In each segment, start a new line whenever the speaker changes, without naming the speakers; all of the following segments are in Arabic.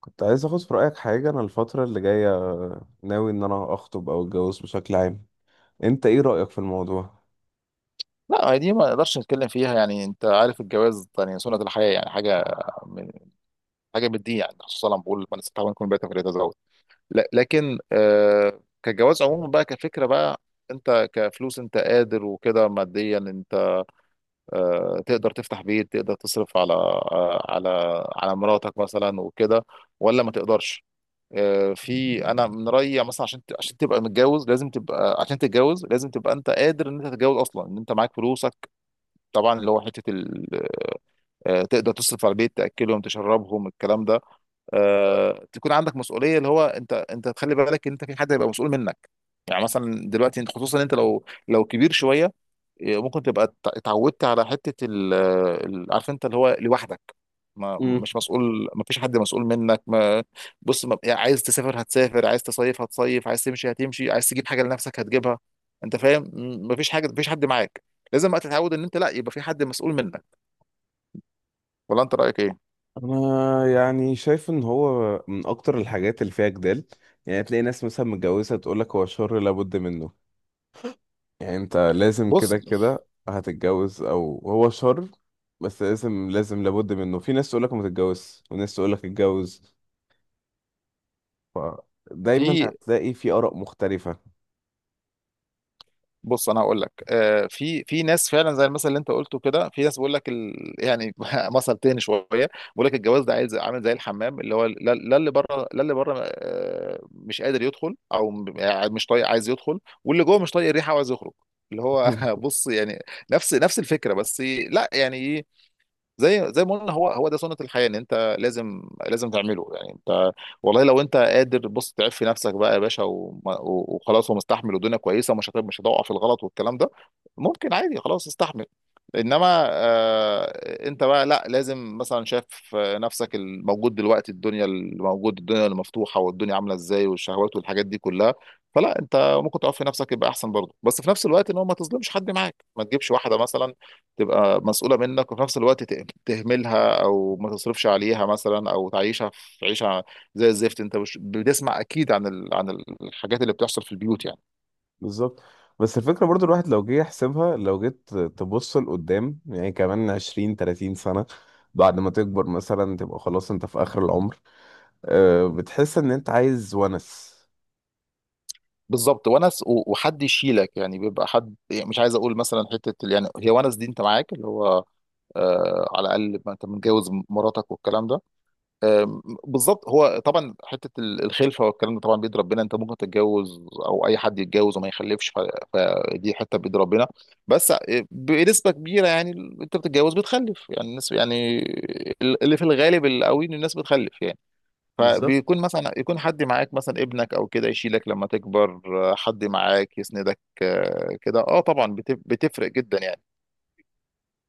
كنت عايز اخد في رأيك حاجة، انا الفترة اللي جاية ناوي ان انا اخطب او اتجوز بشكل عام. انت ايه رأيك في الموضوع؟
لا، هي دي ما نقدرش نتكلم فيها. يعني انت عارف الجواز يعني سنة الحياة يعني من حاجة من الدين. يعني خصوصا لما بقول من استطاع منكم الباءة فليتزوج. لا، لكن كجواز عموما بقى كفكرة بقى، انت كفلوس انت قادر وكده، ماديا انت تقدر تفتح بيت، تقدر تصرف على على مراتك مثلا وكده، ولا ما تقدرش؟ في، انا من رأيي يعني مثلا عشان تبقى متجوز لازم تبقى، عشان تتجوز لازم تبقى انت قادر ان انت تتجوز اصلا، ان انت معاك فلوسك. طبعا اللي هو تقدر تصرف على البيت، تاكلهم تشربهم الكلام ده. تكون عندك مسؤوليه، اللي هو انت تخلي بالك ان انت في حد هيبقى مسؤول منك. يعني مثلا دلوقتي انت، خصوصا انت لو كبير شويه، ممكن تبقى اتعودت على عارف انت اللي هو لوحدك. ما
امم.
مش مسؤول، ما فيش حد مسؤول منك ما. بص، ما يعني عايز تسافر هتسافر، عايز تصيف هتصيف، عايز تمشي هتمشي، عايز تجيب حاجه لنفسك هتجيبها. انت فاهم؟ ما فيش حاجه، ما فيش حد معاك. لازم بقى تتعود ان انت لا يبقى في حد مسؤول منك. ولا انت رايك ايه؟
انا يعني شايف ان هو من اكتر الحاجات اللي فيها جدال. يعني تلاقي ناس مثلا متجوزة تقولك هو شر لابد منه، يعني انت لازم
بص،
كده كده هتتجوز او هو شر، بس لازم لابد منه. في ناس تقولك ما تتجوزش وناس تقولك اتجوز، فدايما
في
هتلاقي في آراء مختلفة.
بص انا هقول لك في ناس فعلا زي المثل اللي انت قلته كده. في ناس بيقول لك يعني مثل تاني شويه بيقول لك الجواز ده عايز عامل زي الحمام، اللي هو لا لا اللي بره، لا اللي بره مش قادر يدخل، او يعني مش طايق عايز يدخل، واللي جوه مش طايق الريحه وعايز يخرج. اللي هو بص يعني نفس الفكره بس. لا يعني، زي ما قلنا هو ده سنة الحياة، ان انت لازم لازم تعمله. يعني انت والله لو انت قادر، بص، تعف في نفسك بقى يا باشا، وخلاص ومستحمل والدنيا كويسة ومش مش هتقع في الغلط والكلام ده، ممكن عادي خلاص، استحمل. انما انت بقى لا، لازم مثلا شايف نفسك الموجود دلوقتي، الدنيا الموجود، الدنيا المفتوحة والدنيا عاملة ازاي، والشهوات والحاجات دي كلها. فلا، انت ممكن تقف في نفسك يبقى احسن برضه، بس في نفس الوقت ان هو ما تظلمش حد معاك، ما تجيبش واحدة مثلا تبقى مسؤولة منك، وفي نفس الوقت تهملها أو ما تصرفش عليها مثلا أو تعيشها في عيشة زي الزفت. أنت مش بتسمع أكيد عن عن الحاجات اللي بتحصل في البيوت يعني.
بالظبط. بس الفكرة برضو الواحد لو جه يحسبها، لو جيت تبص لقدام، يعني كمان 20-30 سنة بعد ما تكبر مثلا، تبقى خلاص انت في آخر العمر. أه، بتحس ان انت عايز ونس.
بالظبط، ونس وحد يشيلك، يعني بيبقى حد، يعني مش عايز أقول مثلا يعني هي ونس دي، أنت معاك اللي هو على الأقل، ما أنت متجوز مراتك والكلام ده. بالظبط. هو طبعا الخلفه والكلام ده طبعا بيد ربنا، انت ممكن تتجوز او اي حد يتجوز وما يخلفش، فدي حته بيد ربنا. بس بنسبه كبيره يعني انت بتتجوز بتخلف يعني الناس يعني، اللي في الغالب القوي ان الناس بتخلف يعني.
بالظبط.
فبيكون مثلا، يكون حد معاك مثلا ابنك او كده يشيلك لما تكبر. حد معاك يسندك كده، اه طبعا بتفرق جدا يعني.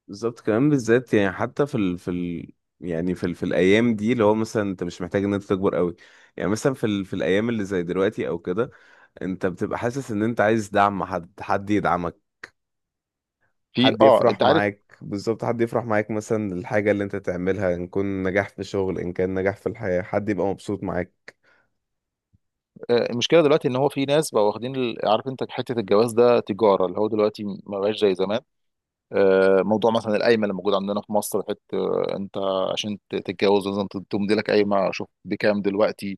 بالظبط، كمان بالذات يعني حتى في ال في ال يعني في الأيام دي، اللي هو مثلا انت مش محتاج ان انت تكبر قوي. يعني مثلا في الأيام اللي زي دلوقتي او كده، انت بتبقى حاسس ان انت عايز دعم، حد يدعمك،
في
حد
اه
يفرح
انت عارف
معاك. بالظبط، حد يفرح معاك، مثلا الحاجة اللي انت تعملها ان كان نجاح في شغل ان كان نجاح في الحياة، حد يبقى مبسوط معاك.
المشكله دلوقتي ان هو في ناس بقوا واخدين عارف انت حته الجواز ده تجاره، اللي هو دلوقتي ما بقاش زي زمان. موضوع مثلا القايمه اللي موجوده عندنا في مصر، حته انت عشان تتجوز لازم تمضي لك قايمه، شوف بكام دلوقتي.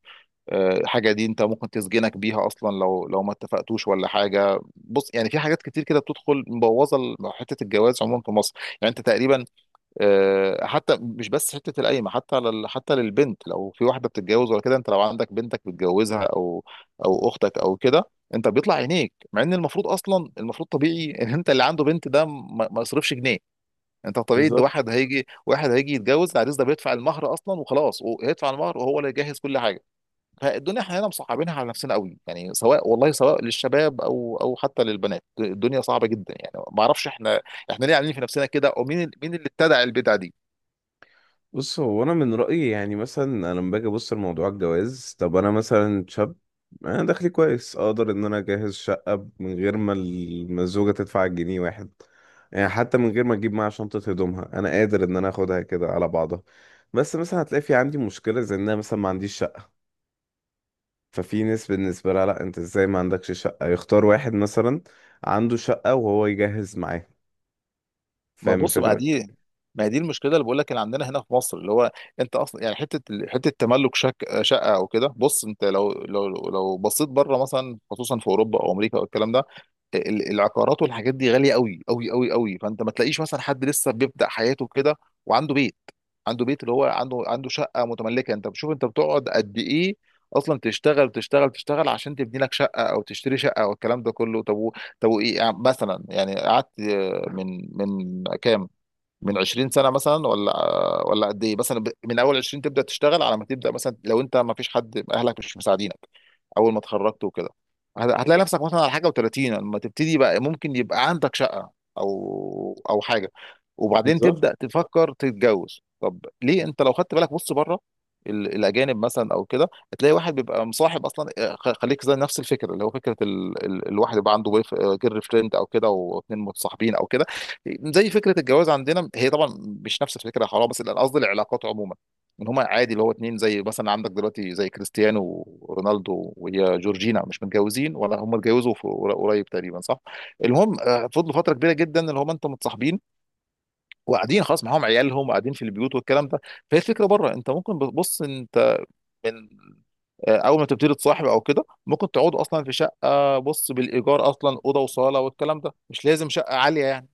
الحاجه دي انت ممكن تسجنك بيها اصلا لو ما اتفقتوش ولا حاجه. بص يعني، في حاجات كتير كده بتدخل مبوظه حته الجواز عموما في مصر. يعني انت تقريبا حتى مش بس حته القايمه، حتى للبنت لو في واحده بتتجوز ولا كده، انت لو عندك بنتك بتجوزها او اختك او كده، انت بيطلع عينيك. مع ان المفروض اصلا، المفروض طبيعي ان انت اللي عنده بنت ده ما يصرفش جنيه. انت طبيعي ان
بالظبط.
واحد هيجي يتجوز، العريس ده بيدفع المهر اصلا وخلاص، وهيدفع المهر وهو اللي يجهز كل حاجه. فالدنيا احنا هنا مصعبينها على نفسنا قوي، يعني سواء والله سواء للشباب او حتى للبنات، الدنيا صعبه جدا يعني. ما اعرفش احنا ليه عاملين في نفسنا كده، ومين اللي ابتدع البدع دي.
بص، هو انا من رأيي يعني مثلا، انا لما باجي ابص لموضوع الجواز، طب انا مثلا شاب، انا دخلي كويس، اقدر ان انا اجهز شقة من غير ما الزوجة تدفع جنيه واحد. يعني حتى من غير ما اجيب معاها شنطة هدومها، انا قادر ان انا اخدها كده على بعضها. بس مثلا هتلاقي في عندي مشكلة، زي ان انا مثلا ما عنديش شقة. ففي ناس بالنسبة لها، لأ أنت إزاي ما عندكش شقة، يختار واحد مثلا عنده شقة وهو يجهز معاه.
ما
فاهم
بص ما
الفكرة؟
دي ما دي المشكله اللي بقول لك اللي عندنا هنا في مصر، اللي هو انت اصلا يعني حته حته تملك شك شقه او كده. بص انت لو بصيت بره مثلا، خصوصا في اوروبا او امريكا او الكلام ده، العقارات والحاجات دي غاليه قوي قوي قوي قوي. فانت ما تلاقيش مثلا حد لسه بيبدا حياته كده وعنده بيت. عنده بيت اللي هو عنده شقه متملكه. انت بتشوف انت بتقعد قد ايه اصلا، تشتغل تشتغل تشتغل عشان تبني لك شقه او تشتري شقه او الكلام ده كله. طب وايه يعني مثلا، يعني قعدت من كام، من 20 سنة مثلا، ولا قد ايه مثلا، من اول 20 تبدأ تشتغل على ما تبدأ مثلا لو انت ما فيش حد، اهلك مش مساعدينك، اول ما اتخرجت وكده، هتلاقي نفسك مثلا على حاجة، و30 لما تبتدي بقى ممكن يبقى عندك شقة او حاجة، وبعدين
بالظبط.
تبدأ تفكر تتجوز. طب ليه، انت لو خدت بالك بص بره، الاجانب مثلا او كده، هتلاقي واحد بيبقى مصاحب اصلا. خليك زي نفس الفكره اللي هو فكره الواحد يبقى عنده جير فريند او كده، واتنين متصاحبين او كده، زي فكره الجواز عندنا. هي طبعا مش نفس الفكره، حرام، بس لا، قصدي العلاقات عموما، ان هما عادي اللي هو اتنين. زي مثلا عندك دلوقتي زي كريستيانو رونالدو وهي جورجينا، مش متجوزين ولا هما اتجوزوا في قريب تقريبا، صح؟ المهم فضلوا فتره كبيره جدا اللي هما انتوا متصاحبين، وقاعدين خلاص معاهم عيالهم وقاعدين في البيوت والكلام ده. فهي الفكره بره انت ممكن، بص انت، من اول ما تبتدي تصاحب او كده ممكن تقعدوا اصلا في شقه، بص بالايجار اصلا، اوضه وصاله والكلام ده، مش لازم شقه عاليه يعني.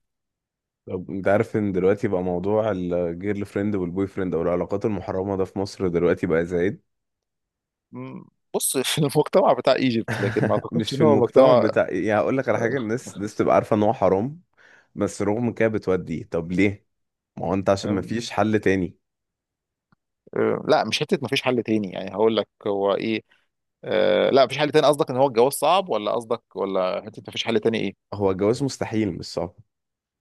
طب انت عارف ان دلوقتي بقى موضوع الجيرل فريند والبوي فريند او العلاقات المحرمه ده في مصر دلوقتي بقى زايد.
مم. بص في المجتمع بتاع ايجيبت، لكن ما اعتقدش
مش في
ان هو
المجتمع
مجتمع.
بتاع، يعني هقول لك على حاجه،
آه،
الناس بتبقى عارفه ان هو حرام، بس رغم كده بتودي. طب ليه؟ ما هو انت عشان ما
آه،
فيش حل تاني.
لا، مش حته ما فيش حل تاني، يعني هقول لك هو ايه. لا، مفيش حل تاني قصدك ان هو الجواز صعب، ولا قصدك ولا حته ما فيش حل تاني ايه؟
هو الجواز مستحيل، مش صعب.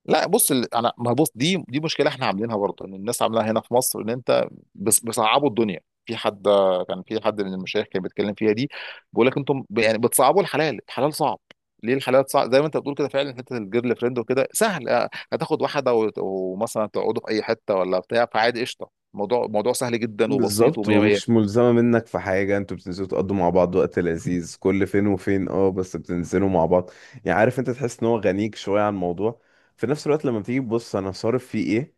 لا بص، انا، ما بص دي مشكله احنا عاملينها برضه، ان الناس عاملاها هنا في مصر، ان انت بس بيصعبوا الدنيا. في حد كان في حد من المشايخ كان بيتكلم فيها دي، بيقول لك انتم يعني بتصعبوا الحلال، الحلال صعب. ليه الحلال صعب زي ما انت بتقول كده فعلا؟ حته الجيرل فريند وكده سهل، هتاخد واحده ومثلا تقعدوا في اي حته ولا بتاع، فعادي قشطه، الموضوع موضوع سهل جدا وبسيط
بالظبط،
ومية مية.
ومش ملزمة منك في حاجة، انتوا بتنزلوا تقضوا مع بعض وقت لذيذ كل فين وفين، اه بس بتنزلوا مع بعض. يعني عارف، انت تحس ان هو غنيك شوية عن الموضوع. في نفس الوقت لما تيجي تبص انا صارف فيه ايه؟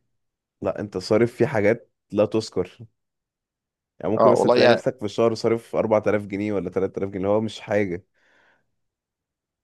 لا، انت صارف فيه حاجات لا تذكر. يعني ممكن
اه
مثلا
والله
تلاقي
يعني
نفسك في الشهر صارف 4000 جنيه ولا 3000 جنيه، اللي هو مش حاجة.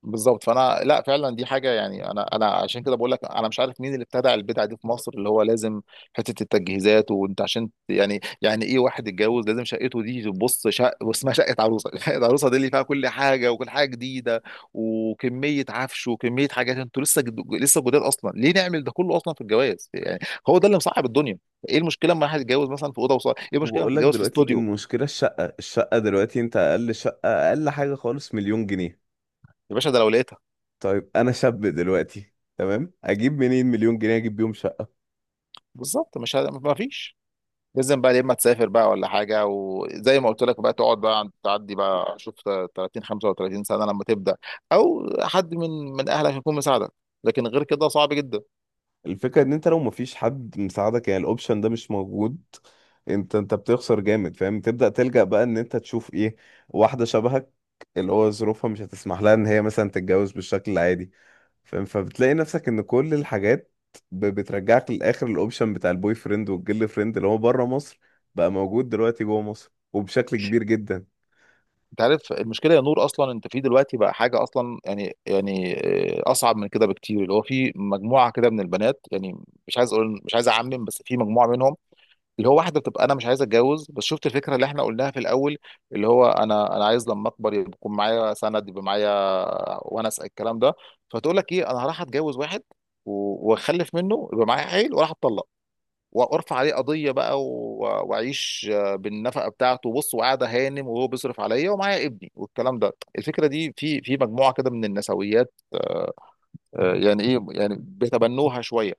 بالظبط. فانا لا، فعلا دي حاجه يعني، انا عشان كده بقول لك، انا مش عارف مين اللي ابتدع البدعه دي في مصر، اللي هو لازم حته التجهيزات. وانت عشان يعني ايه، واحد يتجوز لازم شقته دي تبص واسمها شقه عروسه شقه عروسه دي اللي فيها كل حاجه وكل حاجه جديده، وكميه عفش وكميه حاجات، انتوا لسه لسه جداد اصلا. ليه نعمل ده كله اصلا في الجواز يعني؟ هو ده اللي مصعب الدنيا. ايه المشكله لما واحد يتجوز مثلا في اوضه وصاله؟ ايه المشكله لما
وبقول لك،
تتجوز في
دلوقتي
استوديو؟
المشكلة الشقة، دلوقتي انت اقل شقة، اقل حاجة خالص، 1 مليون جنيه.
يا باشا، ده لو لقيتها.
طيب انا شاب دلوقتي، تمام، اجيب منين 1 مليون جنيه اجيب بيهم شقة؟
بالظبط مش ه... ما فيش. لازم بقى يا اما تسافر بقى ولا حاجه، وزي ما قلت لك بقى تقعد بقى، تعدي بقى شوف 30 35 سنه لما تبدا، او حد من اهلك يكون مساعدك، لكن غير كده صعب جدا.
الفكرة ان انت لو مفيش حد مساعدك، يعني الاوبشن ده مش موجود. انت بتخسر جامد، فاهم، تبدأ تلجأ بقى ان انت تشوف ايه، واحدة شبهك، اللي هو ظروفها مش هتسمح لها ان هي مثلا تتجوز بالشكل العادي. فاهم؟ فبتلاقي نفسك ان كل الحاجات بترجعك للاخر. الاوبشن بتاع البوي فريند والجيرل فريند اللي هو بره مصر، بقى موجود دلوقتي جوه مصر وبشكل كبير جدا.
انت عارف المشكله يا نور، اصلا انت في دلوقتي بقى حاجه اصلا يعني اصعب من كده بكتير اللي هو في مجموعه كده من البنات يعني. مش عايز اعمم، بس في مجموعه منهم اللي هو واحده بتبقى: انا مش عايز اتجوز، بس شفت الفكره اللي احنا قلناها في الاول، اللي هو انا عايز لما اكبر يكون معايا سند، يبقى معايا ونس الكلام ده. فتقول لك ايه، انا هروح اتجوز واحد واخلف منه يبقى معايا عيل، واروح اتطلق وارفع عليه قضيه بقى واعيش بالنفقه بتاعته، بص وقاعده هانم وهو بيصرف عليا ومعايا ابني والكلام ده. الفكره دي في مجموعه كده من النسويات يعني ايه، يعني بيتبنوها شويه.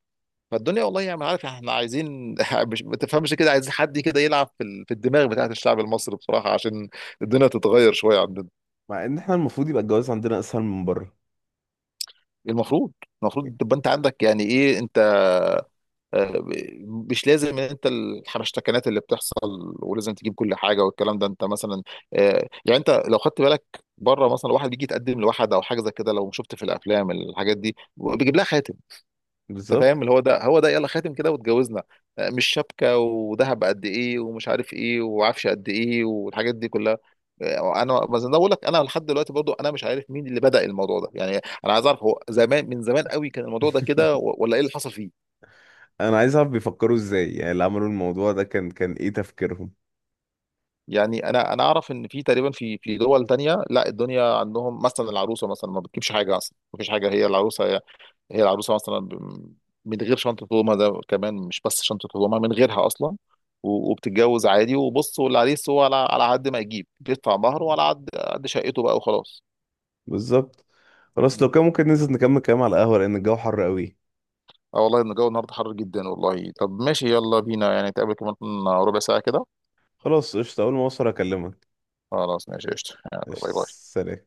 فالدنيا والله يعني، عارف احنا عايزين مش ما تفهمش كده، عايزين حد كده يلعب في الدماغ بتاعت الشعب المصري بصراحة عشان الدنيا تتغير شوية عندنا.
مع ان احنا المفروض يبقى الجواز عندنا اسهل من بره.
المفروض. تبقى انت عندك يعني ايه انت، آه، مش لازم ان انت الحبشتكنات اللي بتحصل ولازم تجيب كل حاجة والكلام ده. انت مثلا يعني انت لو خدت بالك بره مثلا، واحد بيجي يتقدم لواحد او حاجة زي كده، لو شفت في الافلام الحاجات دي بيجيب لها خاتم. انت
بالظبط.
فاهم اللي هو ده، هو ده يلا، خاتم كده واتجوزنا، مش شبكه وذهب قد ايه ومش عارف ايه وعفش قد ايه والحاجات دي كلها. انا بقول لك، انا لحد دلوقتي برضو انا مش عارف مين اللي بدأ الموضوع ده، يعني انا عايز اعرف هو زمان من زمان قوي كان الموضوع ده كده، ولا ايه اللي حصل فيه.
انا عايز اعرف بيفكروا ازاي، يعني اللي عملوا الموضوع ده كان ايه تفكيرهم.
يعني انا اعرف ان في تقريبا في دول تانية، لا، الدنيا عندهم مثلا العروسه مثلا ما بتجيبش حاجه اصلا، ما فيش حاجه، هي العروسه مثلا من غير شنطه هدومها، ده كمان مش بس شنطه هدومها، من غيرها اصلا، وبتتجوز عادي، وبص، والعريس هو على قد ما يجيب بيدفع مهره، وعلى قد شقته بقى وخلاص.
بالظبط. خلاص، لو كان ممكن ننزل نكمل كلام على القهوة لان الجو حر قوي.
اه والله إن الجو النهارده حر جدا والله. طب ماشي، يلا بينا يعني نتقابل كمان ربع ساعه كده.
خلاص، قشطة، اول ما اوصل اكلمك.
خلاص ماشي قشطه، يلا
قشطة.
باي باي.
سلام.